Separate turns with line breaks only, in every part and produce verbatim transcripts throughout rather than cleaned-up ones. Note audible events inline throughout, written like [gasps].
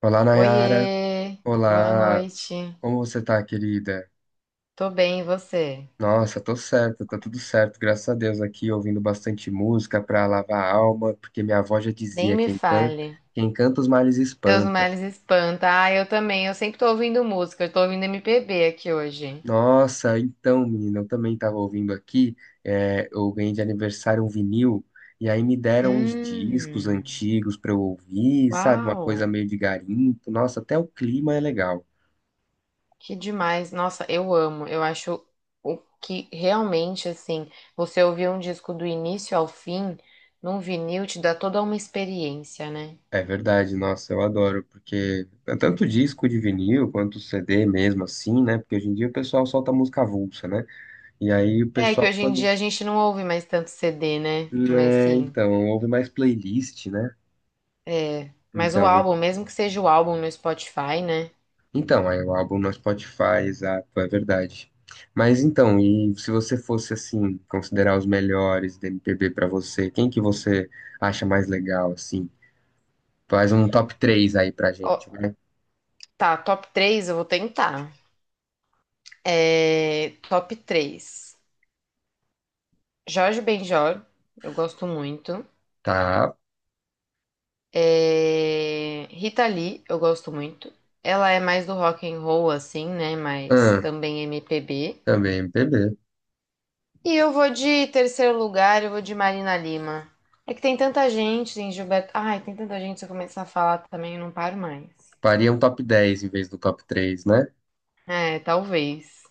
Olá, Nayara.
Oiê, boa
Olá.
noite.
Como você tá, querida?
Tô bem, e você?
Nossa, tô certo, tá tudo certo, graças a Deus aqui, ouvindo bastante música pra lavar a alma, porque minha avó já
Nem
dizia,
me
quem canta,
fale.
quem canta os males
Seus
espanta.
males espanta. Ah, eu também. Eu sempre tô ouvindo música. Eu tô ouvindo M P B aqui hoje.
Nossa, então, menina, eu também tava ouvindo aqui, é, eu ganhei de aniversário um vinil, e aí me deram uns discos
Hum,
antigos pra eu ouvir, sabe, uma coisa
uau,
meio de garimpo. Nossa, até o clima é legal.
que demais. Nossa, eu amo. Eu acho o que realmente, assim, você ouvir um disco do início ao fim, num vinil, te dá toda uma experiência, né?
É verdade, nossa, eu adoro, porque é tanto disco de vinil quanto C D mesmo, assim, né? Porque hoje em dia o pessoal solta música avulsa, né? E aí o
É que
pessoal,
hoje em
quando.
dia a gente não ouve mais tanto C D, né? Mas
É,
sim.
então, ouve mais playlist, né?
É, mas o
Então,
álbum, mesmo que seja o álbum no Spotify, né?
então, aí o álbum no Spotify, exato, é verdade. Mas então, e se você fosse, assim, considerar os melhores da M P B pra você, quem que você acha mais legal, assim? Faz um top três aí pra
Ó,
gente, né?
tá, top três, eu vou tentar. É, top três. Jorge Benjor, eu gosto muito.
Tá,
É, Rita Lee, eu gosto muito. Ela é mais do rock and roll, assim, né? Mas
ah,
também M P B.
também M P B.
E eu vou de terceiro lugar, eu vou de Marina Lima. É que tem tanta gente, tem Gilberto. Ai, tem tanta gente, se eu começar a falar também, eu não paro mais.
Faria um top dez em vez do top três, né?
É, talvez.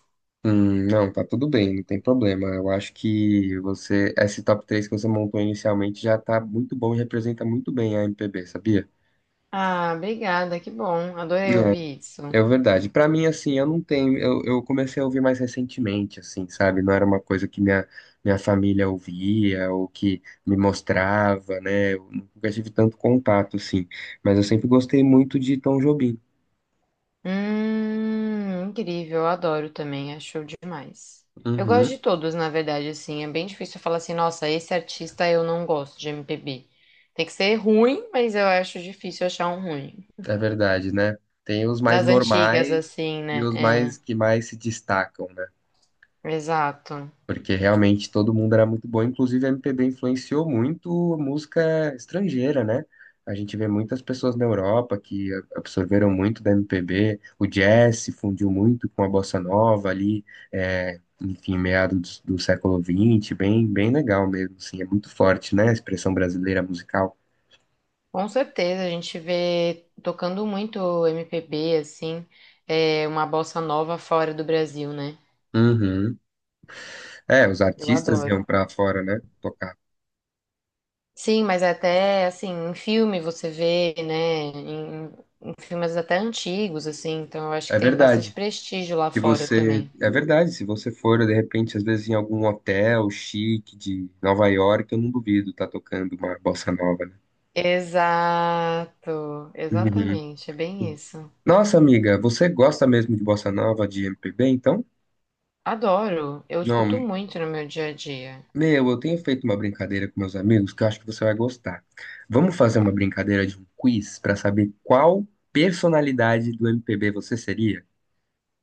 Hum, não, tá tudo bem, não tem problema. Eu acho que você, esse top três que você montou inicialmente já tá muito bom e representa muito bem a M P B, sabia?
Ah, obrigada, que bom. Adorei ouvir
É,
isso.
é verdade. Pra mim, assim, eu não tenho. Eu, eu comecei a ouvir mais recentemente, assim, sabe? Não era uma coisa que minha, minha família ouvia ou que me mostrava, né? Eu nunca tive tanto contato, assim. Mas eu sempre gostei muito de Tom Jobim.
Hum, incrível, eu adoro também, é show demais. Eu gosto
Uhum.
de todos, na verdade, assim, é bem difícil eu falar assim, nossa, esse artista eu não gosto de M P B. Tem que ser ruim, mas eu acho difícil achar um ruim.
É verdade, né? Tem os mais
Das antigas,
normais
assim,
e
né?
os
É,
mais que mais se destacam, né?
exato.
Porque realmente todo mundo era muito bom, inclusive a M P B influenciou muito música estrangeira, né? A gente vê muitas pessoas na Europa que a- absorveram muito da M P B, o jazz se fundiu muito com a bossa nova ali, é, enfim, meados do, do século vinte, bem, bem legal mesmo, assim, é muito forte, né? A expressão brasileira musical.
Com certeza, a gente vê tocando muito M P B, assim, é uma bossa nova fora do Brasil, né?
Uhum. É, os
Eu
artistas
adoro.
iam pra fora, né? Tocar.
Sim, mas até assim, em filme você vê, né? Em, em filmes até antigos, assim, então eu acho
É
que tem bastante
verdade.
prestígio lá
Se
fora
você,
também.
é verdade, se você for de repente, às vezes em algum hotel chique de Nova York, eu não duvido tá tocando uma bossa nova, né?
Exato,
Uhum.
exatamente, é bem isso.
Nossa, amiga, você gosta mesmo de bossa nova, de M P B, então?
Adoro, eu escuto
Não,
muito no meu dia a dia.
meu, eu tenho feito uma brincadeira com meus amigos que eu acho que você vai gostar. Vamos fazer uma
Tá.
brincadeira de um quiz para saber qual personalidade do M P B você seria?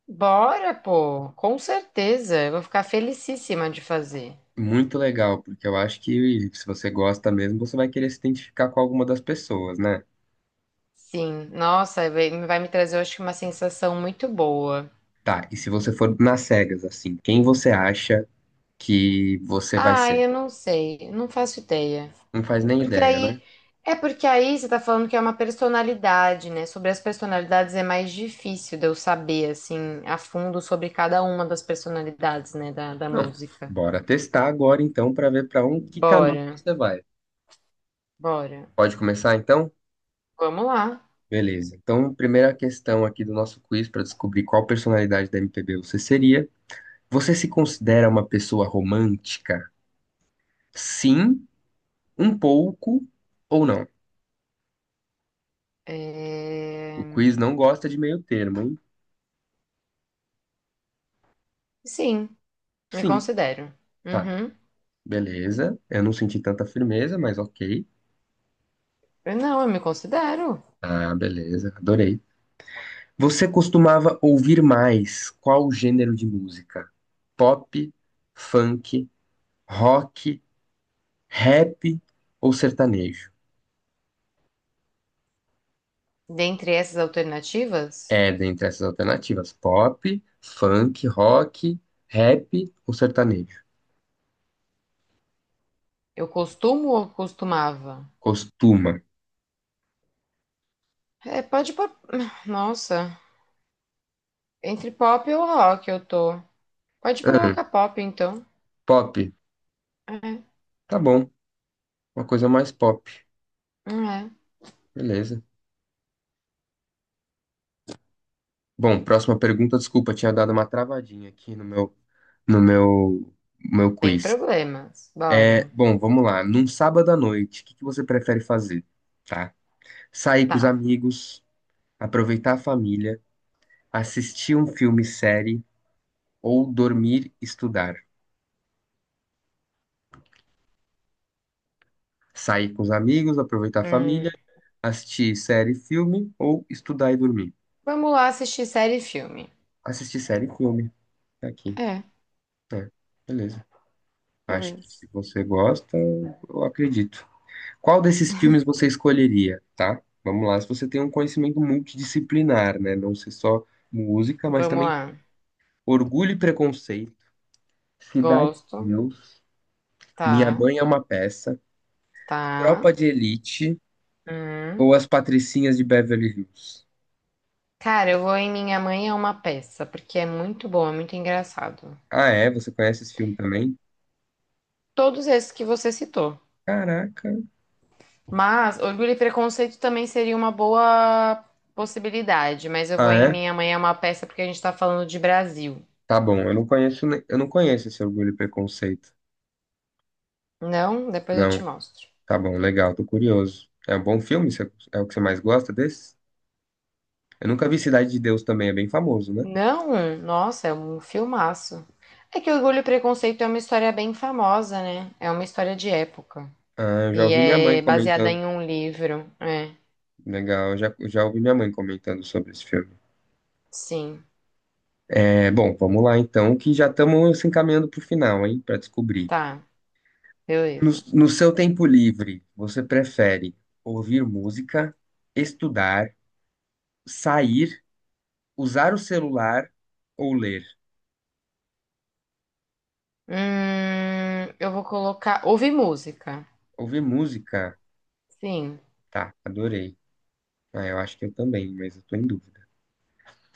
Bora, pô, com certeza, eu vou ficar felicíssima de fazer.
Muito legal, porque eu acho que se você gosta mesmo, você vai querer se identificar com alguma das pessoas, né?
Sim, nossa, vai vai me trazer, eu acho que uma sensação muito boa.
Tá, e se você for nas cegas, assim, quem você acha que você vai
Ah,
ser?
eu não sei, não faço ideia.
Não faz nem
Porque
ideia, né?
aí, é porque aí você tá falando que é uma personalidade, né? Sobre as personalidades é mais difícil de eu saber, assim, a fundo sobre cada uma das personalidades, né, da, da
Não.
música.
Bora testar agora então pra ver pra um que caminho
Bora,
você vai.
bora.
Pode começar então?
Vamos lá.
Beleza. Então, primeira questão aqui do nosso quiz pra descobrir qual personalidade da M P B você seria. Você se considera uma pessoa romântica? Sim, um pouco ou não?
É,
O quiz não gosta de meio termo, hein?
Sim, me
Sim.
considero.
Tá,
Uhum.
beleza. Eu não senti tanta firmeza, mas ok.
Eu não, eu me considero.
Ah, beleza, adorei. Você costumava ouvir mais qual gênero de música? Pop, funk, rock, rap ou sertanejo?
Dentre essas alternativas,
É, dentre essas alternativas, pop, funk, rock, rap ou sertanejo?
eu costumo ou costumava?
Costuma.
É, pode pôr. [sighs] Nossa. Entre pop e o rock eu tô. Pode
Ahn,
colocar pop, então.
Pop.
É,
Tá bom, uma coisa mais pop.
não é.
Beleza. Bom, próxima pergunta. Desculpa, tinha dado uma travadinha aqui no meu, no meu, meu
Sem
quiz.
problemas.
É,
Bora.
bom, vamos lá. Num sábado à noite, o que que você prefere fazer? Tá? Sair com os
Tá.
amigos, aproveitar a família, assistir um filme, série ou dormir, estudar. Sair com os amigos, aproveitar a família,
Hum,
assistir série, filme ou estudar e dormir.
Vamos lá assistir série e filme.
Assistir série, e filme. Tá aqui.
É,
É, beleza. Acho que
beleza.
se você gosta, eu acredito. Qual desses filmes você escolheria, tá? Vamos lá. Se você tem um conhecimento multidisciplinar, né? Não ser só música, mas
Vamos
também
lá.
Orgulho e Preconceito, Cidade de
Gosto.
Deus, Minha
Tá.
Mãe é uma Peça,
Tá.
Tropa de Elite
Hum.
ou As Patricinhas de Beverly Hills?
Cara, eu vou em Minha Mãe é uma peça, porque é muito bom, é muito engraçado.
Ah, é? Você conhece esse filme também?
Todos esses que você citou.
Caraca.
Mas Orgulho e Preconceito também seria uma boa possibilidade, mas eu vou
Ah,
em
é?
Minha Mãe é uma peça porque a gente tá falando de Brasil.
Tá bom, eu não conheço, ne- eu não conheço esse Orgulho e Preconceito.
Não, depois eu
Não,
te mostro.
tá bom, legal, tô curioso. É um bom filme? Você- É o que você mais gosta desse? Eu nunca vi Cidade de Deus também, é bem famoso, né?
Não, nossa, é um filmaço. É que Orgulho e Preconceito é uma história bem famosa, né? É uma história de época.
Ah, eu já
E
ouvi minha mãe
é baseada
comentando.
em um livro. É,
Legal, eu já, eu já ouvi minha mãe comentando sobre esse filme.
sim.
É, bom, vamos lá então, que já estamos se encaminhando para o final, hein, para descobrir.
Tá,
No,
beleza.
no seu tempo livre, você prefere ouvir música, estudar, sair, usar o celular ou ler?
Hum, eu vou colocar. Ouve música.
Ouvir música?
Sim,
Tá, adorei. Ah, eu acho que eu também, mas eu tô em dúvida.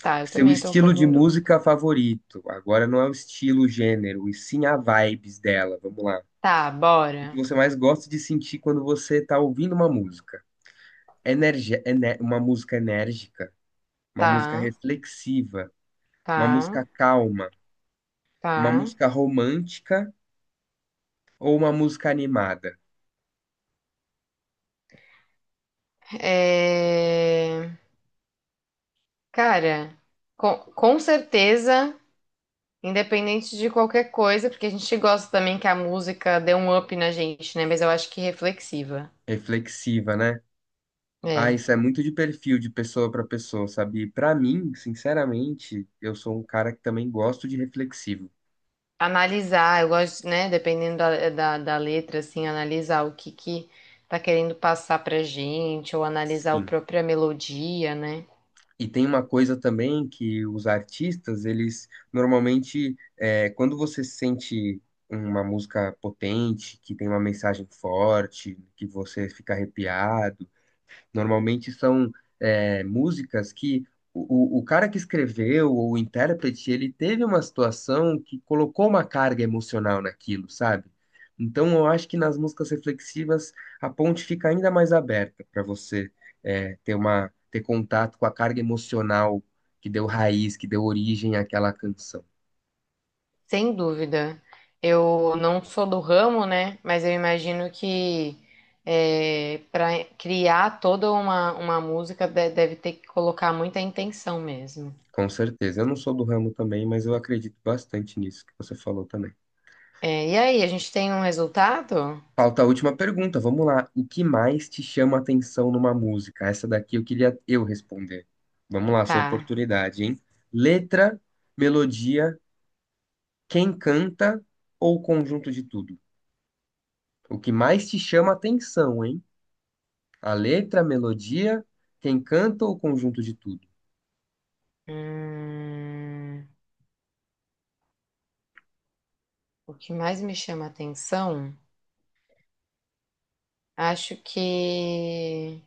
tá, eu
Seu
também tô um
estilo
pouco
de
em dúvida.
música favorito? Agora não é o estilo, o gênero, e sim a vibes dela. Vamos lá.
Tá,
O que
bora.
você mais gosta de sentir quando você tá ouvindo uma música? Energia, ene- uma música enérgica? Uma música
Tá,
reflexiva, uma
tá,
música calma, uma
tá.
música romântica ou uma música animada?
É... Cara, com, com certeza. Independente de qualquer coisa, porque a gente gosta também que a música dê um up na gente, né? Mas eu acho que reflexiva.
Reflexiva, né? Ah,
É.
isso é muito de perfil de pessoa para pessoa, sabe? Para mim, sinceramente, eu sou um cara que também gosto de reflexivo.
Analisar, eu gosto, né? Dependendo da, da, da letra, assim, analisar o que que tá querendo passar pra gente, ou analisar a
Sim.
própria melodia, né?
E tem uma coisa também que os artistas, eles normalmente, é, quando você sente uma música potente, que tem uma mensagem forte, que você fica arrepiado, normalmente são é, músicas que o, o o cara que escreveu, ou o intérprete, ele teve uma situação que colocou uma carga emocional naquilo, sabe? Então eu acho que nas músicas reflexivas a ponte fica ainda mais aberta para você é, ter uma, ter contato com a carga emocional que deu raiz, que deu origem àquela canção.
Sem dúvida. Eu não sou do ramo, né? Mas eu imagino que é, para criar toda uma, uma música de- deve ter que colocar muita intenção mesmo.
Com certeza. Eu não sou do ramo também, mas eu acredito bastante nisso que você falou também.
É, e aí, a gente tem um resultado?
Falta a última pergunta, vamos lá. O que mais te chama a atenção numa música? Essa daqui eu queria eu responder. Vamos lá, sua
Tá.
oportunidade, hein? Letra, melodia, quem canta ou conjunto de tudo? O que mais te chama a atenção, hein? A letra, a melodia, quem canta ou conjunto de tudo?
Hum, o que mais me chama atenção, acho que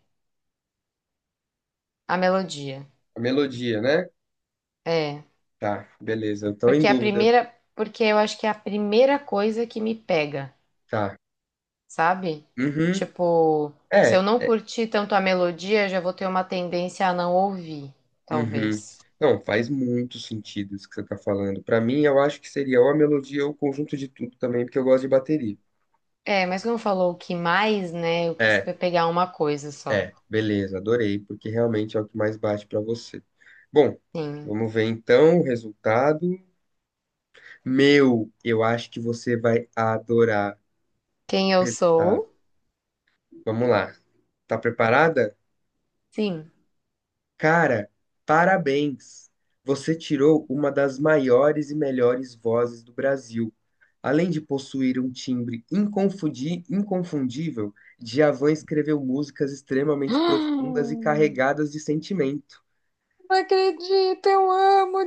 a melodia.
A melodia, né?
É,
Tá, beleza, eu tô em
porque a
dúvida.
primeira, porque eu acho que é a primeira coisa que me pega,
Tá.
sabe?
Uhum.
Tipo, se eu
É,
não curtir tanto a melodia, eu já vou ter uma tendência a não ouvir,
uhum.
talvez.
Não, faz muito sentido isso que você tá falando. Pra mim, eu acho que seria ou a melodia ou o conjunto de tudo também, porque eu gosto de bateria.
É, mas como falou o que mais, né? Eu quis
É,
pegar é uma coisa só.
é, beleza, adorei, porque realmente é o que mais bate pra você. Bom,
Sim.
vamos ver então o resultado. Meu, eu acho que você vai adorar
Quem
o
eu
resultado.
sou?
Vamos lá. Tá preparada?
Sim.
Cara, parabéns! Você tirou uma das maiores e melhores vozes do Brasil, além de possuir um timbre inconfundi- inconfundível. Djavan escreveu músicas
[gasps]
extremamente profundas e
Não
carregadas de sentimento.
acredito, eu amo o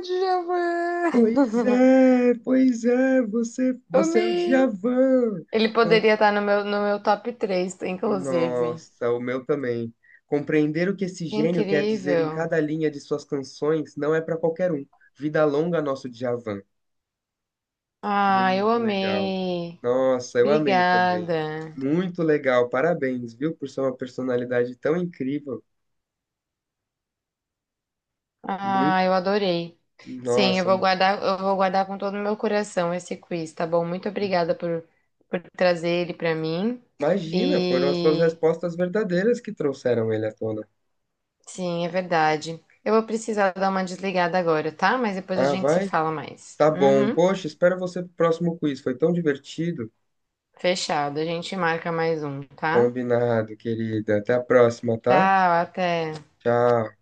Pois
Djavan.
é, pois é, você,
[laughs]
você é o
Amei.
Djavan.
Ele
Com-
poderia estar no meu, no meu top três, inclusive.
Nossa, o meu também. Compreender o que esse
Que
gênio quer dizer em
incrível.
cada linha de suas canções não é para qualquer um. Vida longa, nosso Djavan.
Ah, eu
Muito legal.
amei.
Nossa, eu amei também.
Obrigada.
Muito legal. Parabéns, viu, por ser uma personalidade tão incrível. Muito,
Ah, eu adorei. Sim, eu
nossa,
vou guardar, eu vou guardar com todo o meu coração esse quiz, tá bom? Muito obrigada por, por trazer ele para mim.
imagina, foram as suas
E
respostas verdadeiras que trouxeram ele à tona.
sim, é verdade. Eu vou precisar dar uma desligada agora, tá? Mas depois a
Ah,
gente se
vai?
fala mais.
Tá bom.
Uhum.
Poxa, espero você pro próximo quiz. Foi tão divertido.
Fechado. A gente marca mais um, tá?
Combinado, querida. Até a próxima, tá?
Tchau, até.
Tchau.